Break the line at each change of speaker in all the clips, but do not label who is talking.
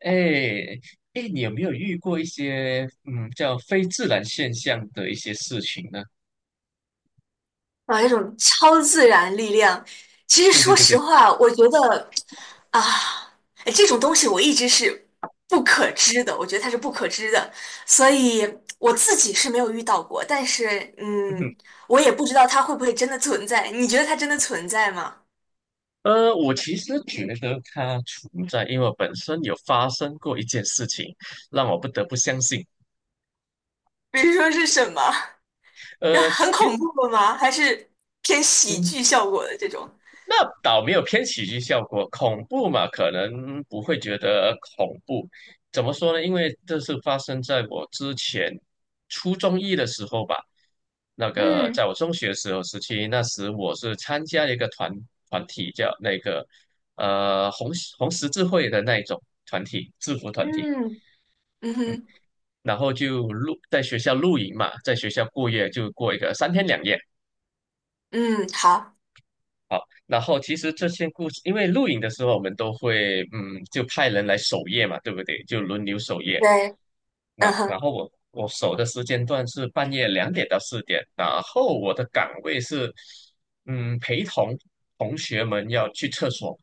哎，哎，你有没有遇过一些叫非自然现象的一些事情呢？
啊，一种超自然力量。其实
对对
说
对
实
对。
话，我觉得啊，哎这种东西我一直是不可知的，我觉得它是不可知的，所以我自己是没有遇到过。但是，
嗯哼。
我也不知道它会不会真的存在。你觉得它真的存在吗？
我其实觉得它存在，因为我本身有发生过一件事情，让我不得不相信。
比如说是什么？就很
其
恐
实。
怖的吗？还是偏喜
嗯。
剧效果的这种？
那倒没有偏喜剧效果，恐怖嘛，可能不会觉得恐怖。怎么说呢？因为这是发生在我之前初中一的时候吧。那个在
嗯
我中学时候时期，那时我是参加了一个团体，叫那个红十字会的那一种团体，制服团体。
嗯。嗯
嗯，
哼。
然后就露在学校露营嘛，在学校过夜就过一个三天两夜。
嗯，好。
好，然后其实这些故事，因为录影的时候我们都会，就派人来守夜嘛，对不对？就轮流守夜。
对。嗯
那然
哼
后我守的时间段是半夜两点到四点，然后我的岗位是，嗯，陪同同学们要去厕所，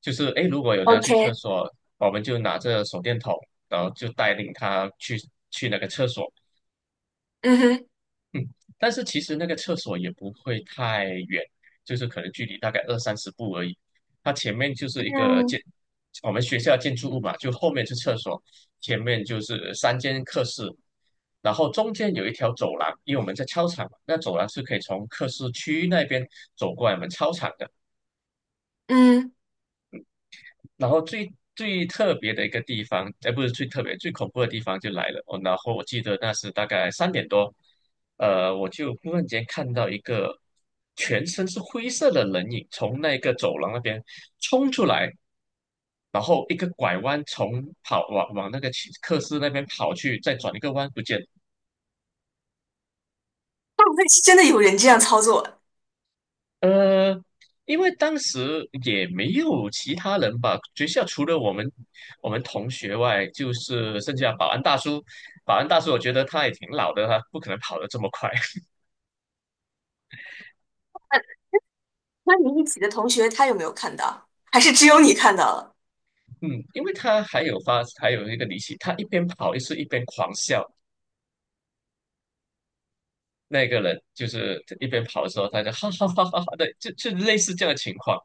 就是诶，如果有人要去厕
，OK。
所，我们就拿着手电筒，然后就带领他去那个厕所。
嗯哼。
嗯，但是其实那个厕所也不会太远，就是可能距离大概二三十步而已。它前面就是一个
嗯。
我们学校建筑物嘛，就后面是厕所，前面就是三间课室，然后中间有一条走廊，因为我们在操场嘛，那走廊是可以从课室区那边走过来我们操场的。
嗯。
然后最最特别的一个地方，哎，不是最特别，最恐怖的地方就来了。哦，然后我记得那是大概三点多，我就忽然间看到一个全身是灰色的人影从那个走廊那边冲出来，然后一个拐弯跑往那个去课室那边跑去，再转一个弯不见了。
会不会是真的有人这样操作？
呃，因为当时也没有其他人吧，学校除了我们同学外，就是剩下保安大叔。保安大叔，我觉得他也挺老的，他不可能跑得这么快。
那你一起的同学他有没有看到？还是只有你看到了？
嗯，因为他还有一个离奇，他一边跑一边狂笑。那个人就是一边跑的时候，他就哈哈哈哈哈的，就类似这样的情况，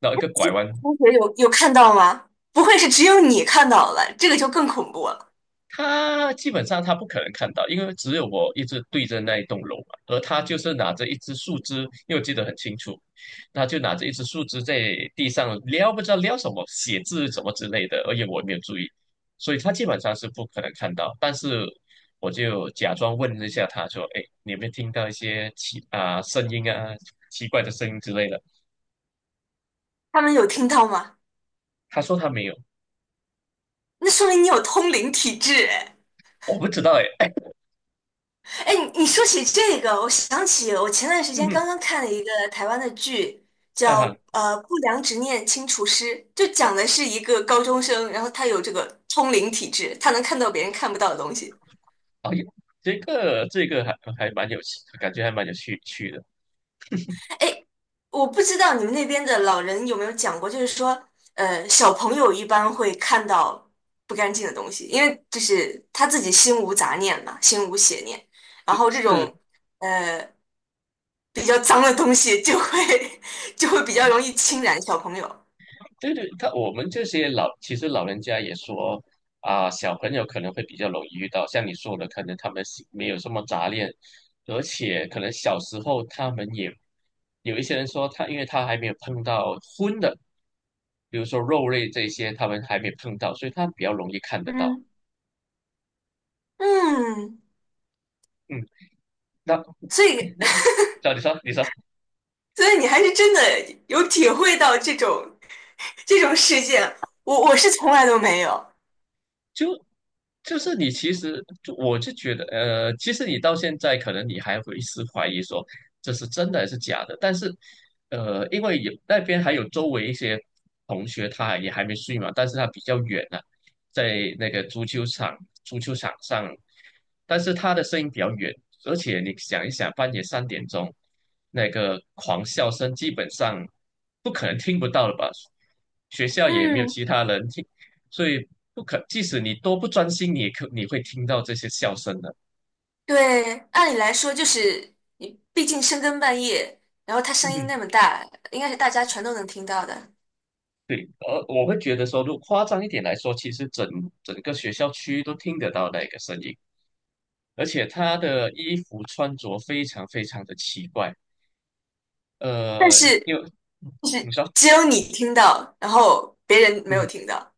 然后一个拐弯。
同学有看到吗？不会是只有你看到了，这个就更恐怖了。
他基本上他不可能看到，因为只有我一直对着那一栋楼嘛，而他就是拿着一支树枝，因为我记得很清楚，他就拿着一支树枝在地上撩，不知道撩什么，写字什么之类的，而且我也没有注意，所以他基本上是不可能看到。但是我就假装问了一下他说："哎，你有没有听到一些声音啊，奇怪的声音之类的？"
他们有听到吗？
他说他没有。
那说明你有通灵体质哎。
我不知道哎，哎。
哎，你说起这个，我想起我前段时
嗯
间刚
哼。
刚看了一个台湾的剧，叫
啊。
《不良执念清除师》，就讲的是一个高中生，然后他有这个通灵体质，他能看到别人看不到的东西。
哎呦，这个还蛮有趣，感觉还蛮趣的。
哎，我不知道你们那边的老人有没有讲过，就是说，小朋友一般会看到不干净的东西，因为就是他自己心无杂念嘛，心无邪念，然后这
是。
种呃比较脏的东西就会 就会比较容易侵染小朋友。
对对，我们这些其实老人家也说啊，小朋友可能会比较容易遇到，像你说的，可能他们是没有什么杂念，而且可能小时候他们也有一些人说他，因为他还没有碰到荤的，比如说肉类这些，他们还没碰到，所以他比较容易看得到。
嗯。嗯。
嗯。那
所以
那，那你你说，
所以你还是真的有体会到这种这种事件，我是从来都没有。
就就是你其实我就觉得，其实你到现在可能你还会怀疑说这是真的还是假的，但是，呃，因为有那边还有周围一些同学，他也还没睡嘛，但是他比较远了、在那个足球场上，但是他的声音比较远，而且你想一想，半夜三点钟那个狂笑声，基本上不可能听不到了吧？学校也没有
嗯，
其他人听。所以不可，即使你多不专心，你也可你会听到这些笑声的。
对，按理来说就是你，毕竟深更半夜，然后他
嗯
声音
哼。
那么大，应该是大家全都能听到的。
对，而我会觉得说，如果夸张一点来说，其实整个学校区都听得到那个声音，而且他的衣服穿着非常非常的奇怪。
但
呃，
是
因为
就
你
是
说，
只有你听到，然后别人没有
嗯，
听到。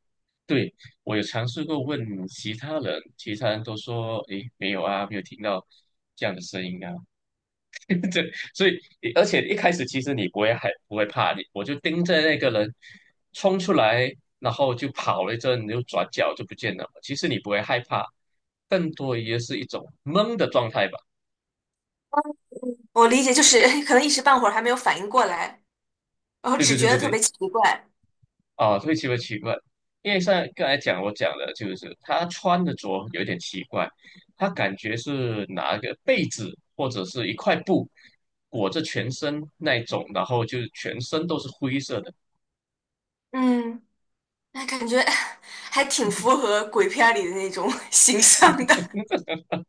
对，我有尝试过问其他人，其他人都说，诶，没有啊，没有听到这样的声音啊。对，所以而且一开始其实你不会害，不会怕你，我就盯着那个人冲出来，然后就跑了一阵，又转角就不见了。其实你不会害怕，更多也是一种懵的状态吧。
我理解就是 可能一时半会儿还没有反应过来，然后
对
只
对对
觉
对
得特别
对。
奇怪。
啊，会奇怪，因为像刚才讲我讲的，就是他穿着有点奇怪，他感觉是拿一个被子或者是一块布裹着全身那一种，然后就是全身都是灰色的。
嗯，那感觉 还挺符合鬼片儿里的那种 形象的。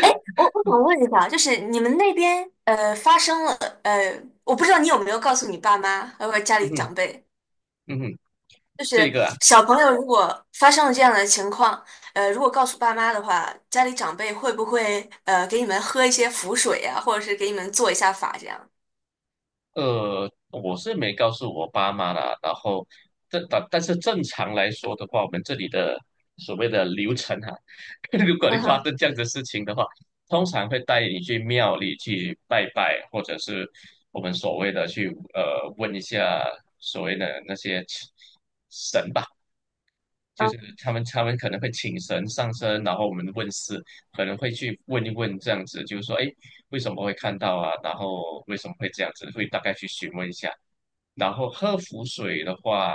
哎，我想问一下，就是你们那边发生了我不知道你有没有告诉你爸妈，还有家
嗯
里长
哼。
辈。
嗯哼。
就
这
是
个啊，
小朋友如果发生了这样的情况，如果告诉爸妈的话，家里长辈会不会给你们喝一些符水呀、或者是给你们做一下法这样？
呃，我是没告诉我爸妈啦。然后，但是正常来说的话，我们这里的所谓的流程哈、如果你
嗯
发
哼。
生这样的事情的话，通常会带你去庙里去拜拜，或者是我们所谓的去问一下所谓的那些。神。就是
嗯。
他们可能会请神上身，然后我们问事，可能会去问一问这样子，就是说，哎，为什么会看到啊？然后为什么会这样子？会大概去询问一下。然后喝符水的话，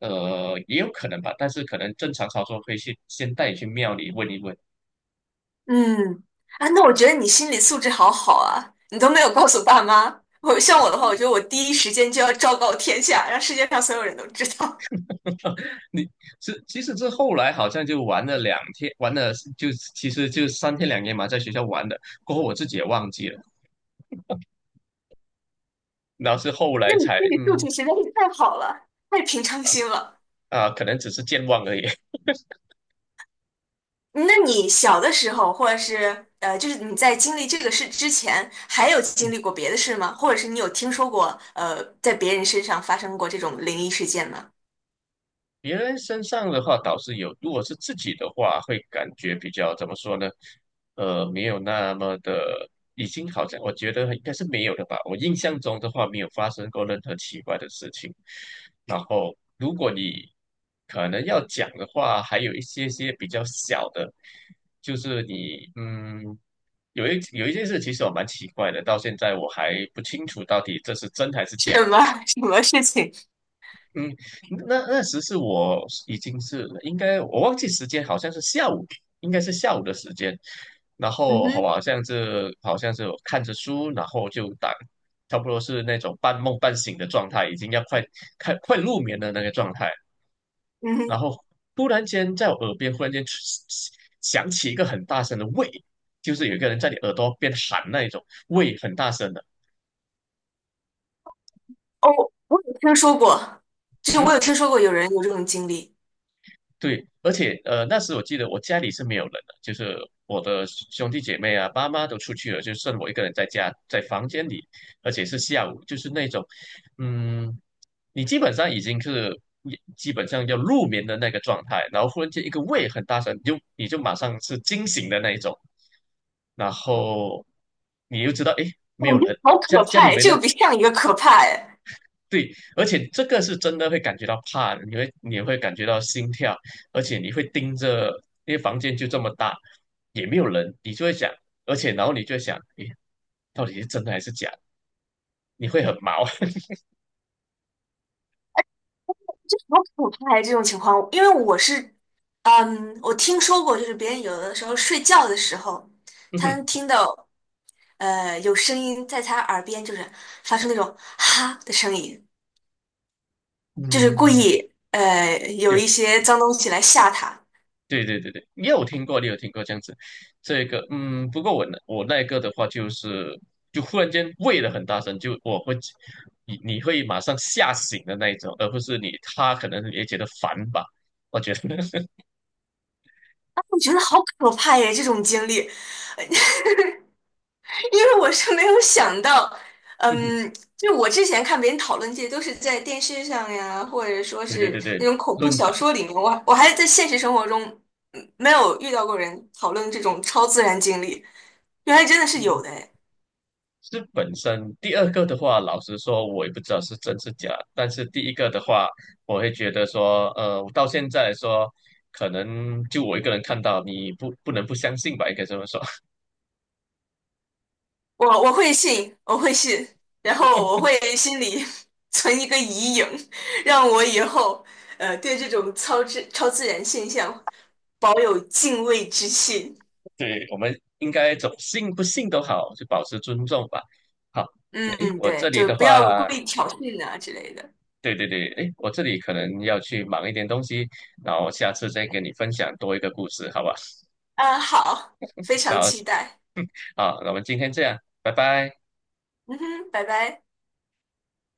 呃，也有可能吧，但是可能正常操作会去先带你去庙里问一问。
嗯。啊，那我觉得你心理素质好好啊，你都没有告诉爸妈。我像我的话，我觉得我第一时间就要昭告天下，让世界上所有人都知道。
你是其实这后来好像就玩了两天，玩了就其实就三天两夜嘛，在学校玩的。过后我自己也忘记了，然后是后
那
来
你
才
心理素质实在是太好了，太平常心了。
啊、可能只是健忘而已。
那你小的时候，或者是就是你在经历这个事之前，还有经历过别的事吗？或者是你有听说过在别人身上发生过这种灵异事件吗？
别人身上的话倒是有，如果是自己的话，会感觉比较怎么说呢？呃，没有那么的，已经好像我觉得应该是没有的吧。我印象中的话，没有发生过任何奇怪的事情。然后，如果你可能要讲的话，还有一些些比较小的，就是你嗯，有一件事，其实我蛮奇怪的，到现在我还不清楚到底这是真还是
什
假。
么 什么事情？
嗯，那那时是我已经是应该我忘记时间，好像是下午，应该是下午的时间。然
嗯
后好
哼。
吧，好像是我看着书，然后就打，差不多是那种半梦半醒的状态，已经要快入眠的那个状态。
嗯
然
哼。
后突然间在我耳边忽然间响起一个很大声的喂，就是有一个人在你耳朵边喊那一种喂，很大声的。
哦，我有听说过，就是我
嗯，
有听说过有人有这种经历，
对，而且呃，那时我记得我家里是没有人的，就是我的兄弟姐妹啊、爸妈都出去了，就剩我一个人在家，在房间里，而且是下午，就是那种，嗯，你基本上已经是基本上要入眠的那个状态，然后忽然间一个胃很大声，你就马上是惊醒的那一种，然后你又知道，诶，没
感
有
觉
人，
好可
家
怕
里
呀！
没
这
人，
个比上一个可怕哎，
对，而且这个是真的会感觉到怕的，你会感觉到心跳，而且你会盯着，因为房间就这么大，也没有人，你就会想，然后你就会想，诶，到底是真的还是假的？你会很毛。
这好可怕呀！这种情况，因为我是，嗯，我听说过，就是别人有的时候睡觉的时候，
嗯
他
哼。
能听到。有声音在他耳边，就是发出那种哈的声音，就是故
嗯。
意有一些脏东西来吓他。啊，
对对对对对，你有听过这样子，这个嗯，不过我那个的话就是就忽然间喂了很大声，就你会马上吓醒的那一种，而不是你他可能也觉得烦吧，我觉得。
我觉得好可怕耶，这种经历，因为我是没有想到，嗯，就我之前看别人讨论这些都是在电视上呀，或者说
对对
是
对
那
对。
种恐怖
论
小
坛。
说里面，我我还在现实生活中嗯没有遇到过人讨论这种超自然经历，原来真的是有
嗯，
的诶。
是本身第二个的话，老实说，我也不知道是真是假。但是第一个的话，我会觉得说，呃，我到现在来说，可能就我一个人看到，你不能不相信吧，应该这么说。
我会信，我会信，然后我会心里 存一个疑影，让我以后对这种超自然现象保有敬畏之心。
对，我们应该总信不信都好，就保持尊重吧。好，那诶，
嗯，
我这
对，
里
就
的
不要故
话，
意挑衅啊之类的。
对对对，诶，我这里可能要去忙一点东西，然后下次再跟你分享多一个故事，好吧？
啊，好，非 常
那
期待。
好，那我们今天这样，拜拜。
嗯哼，拜拜。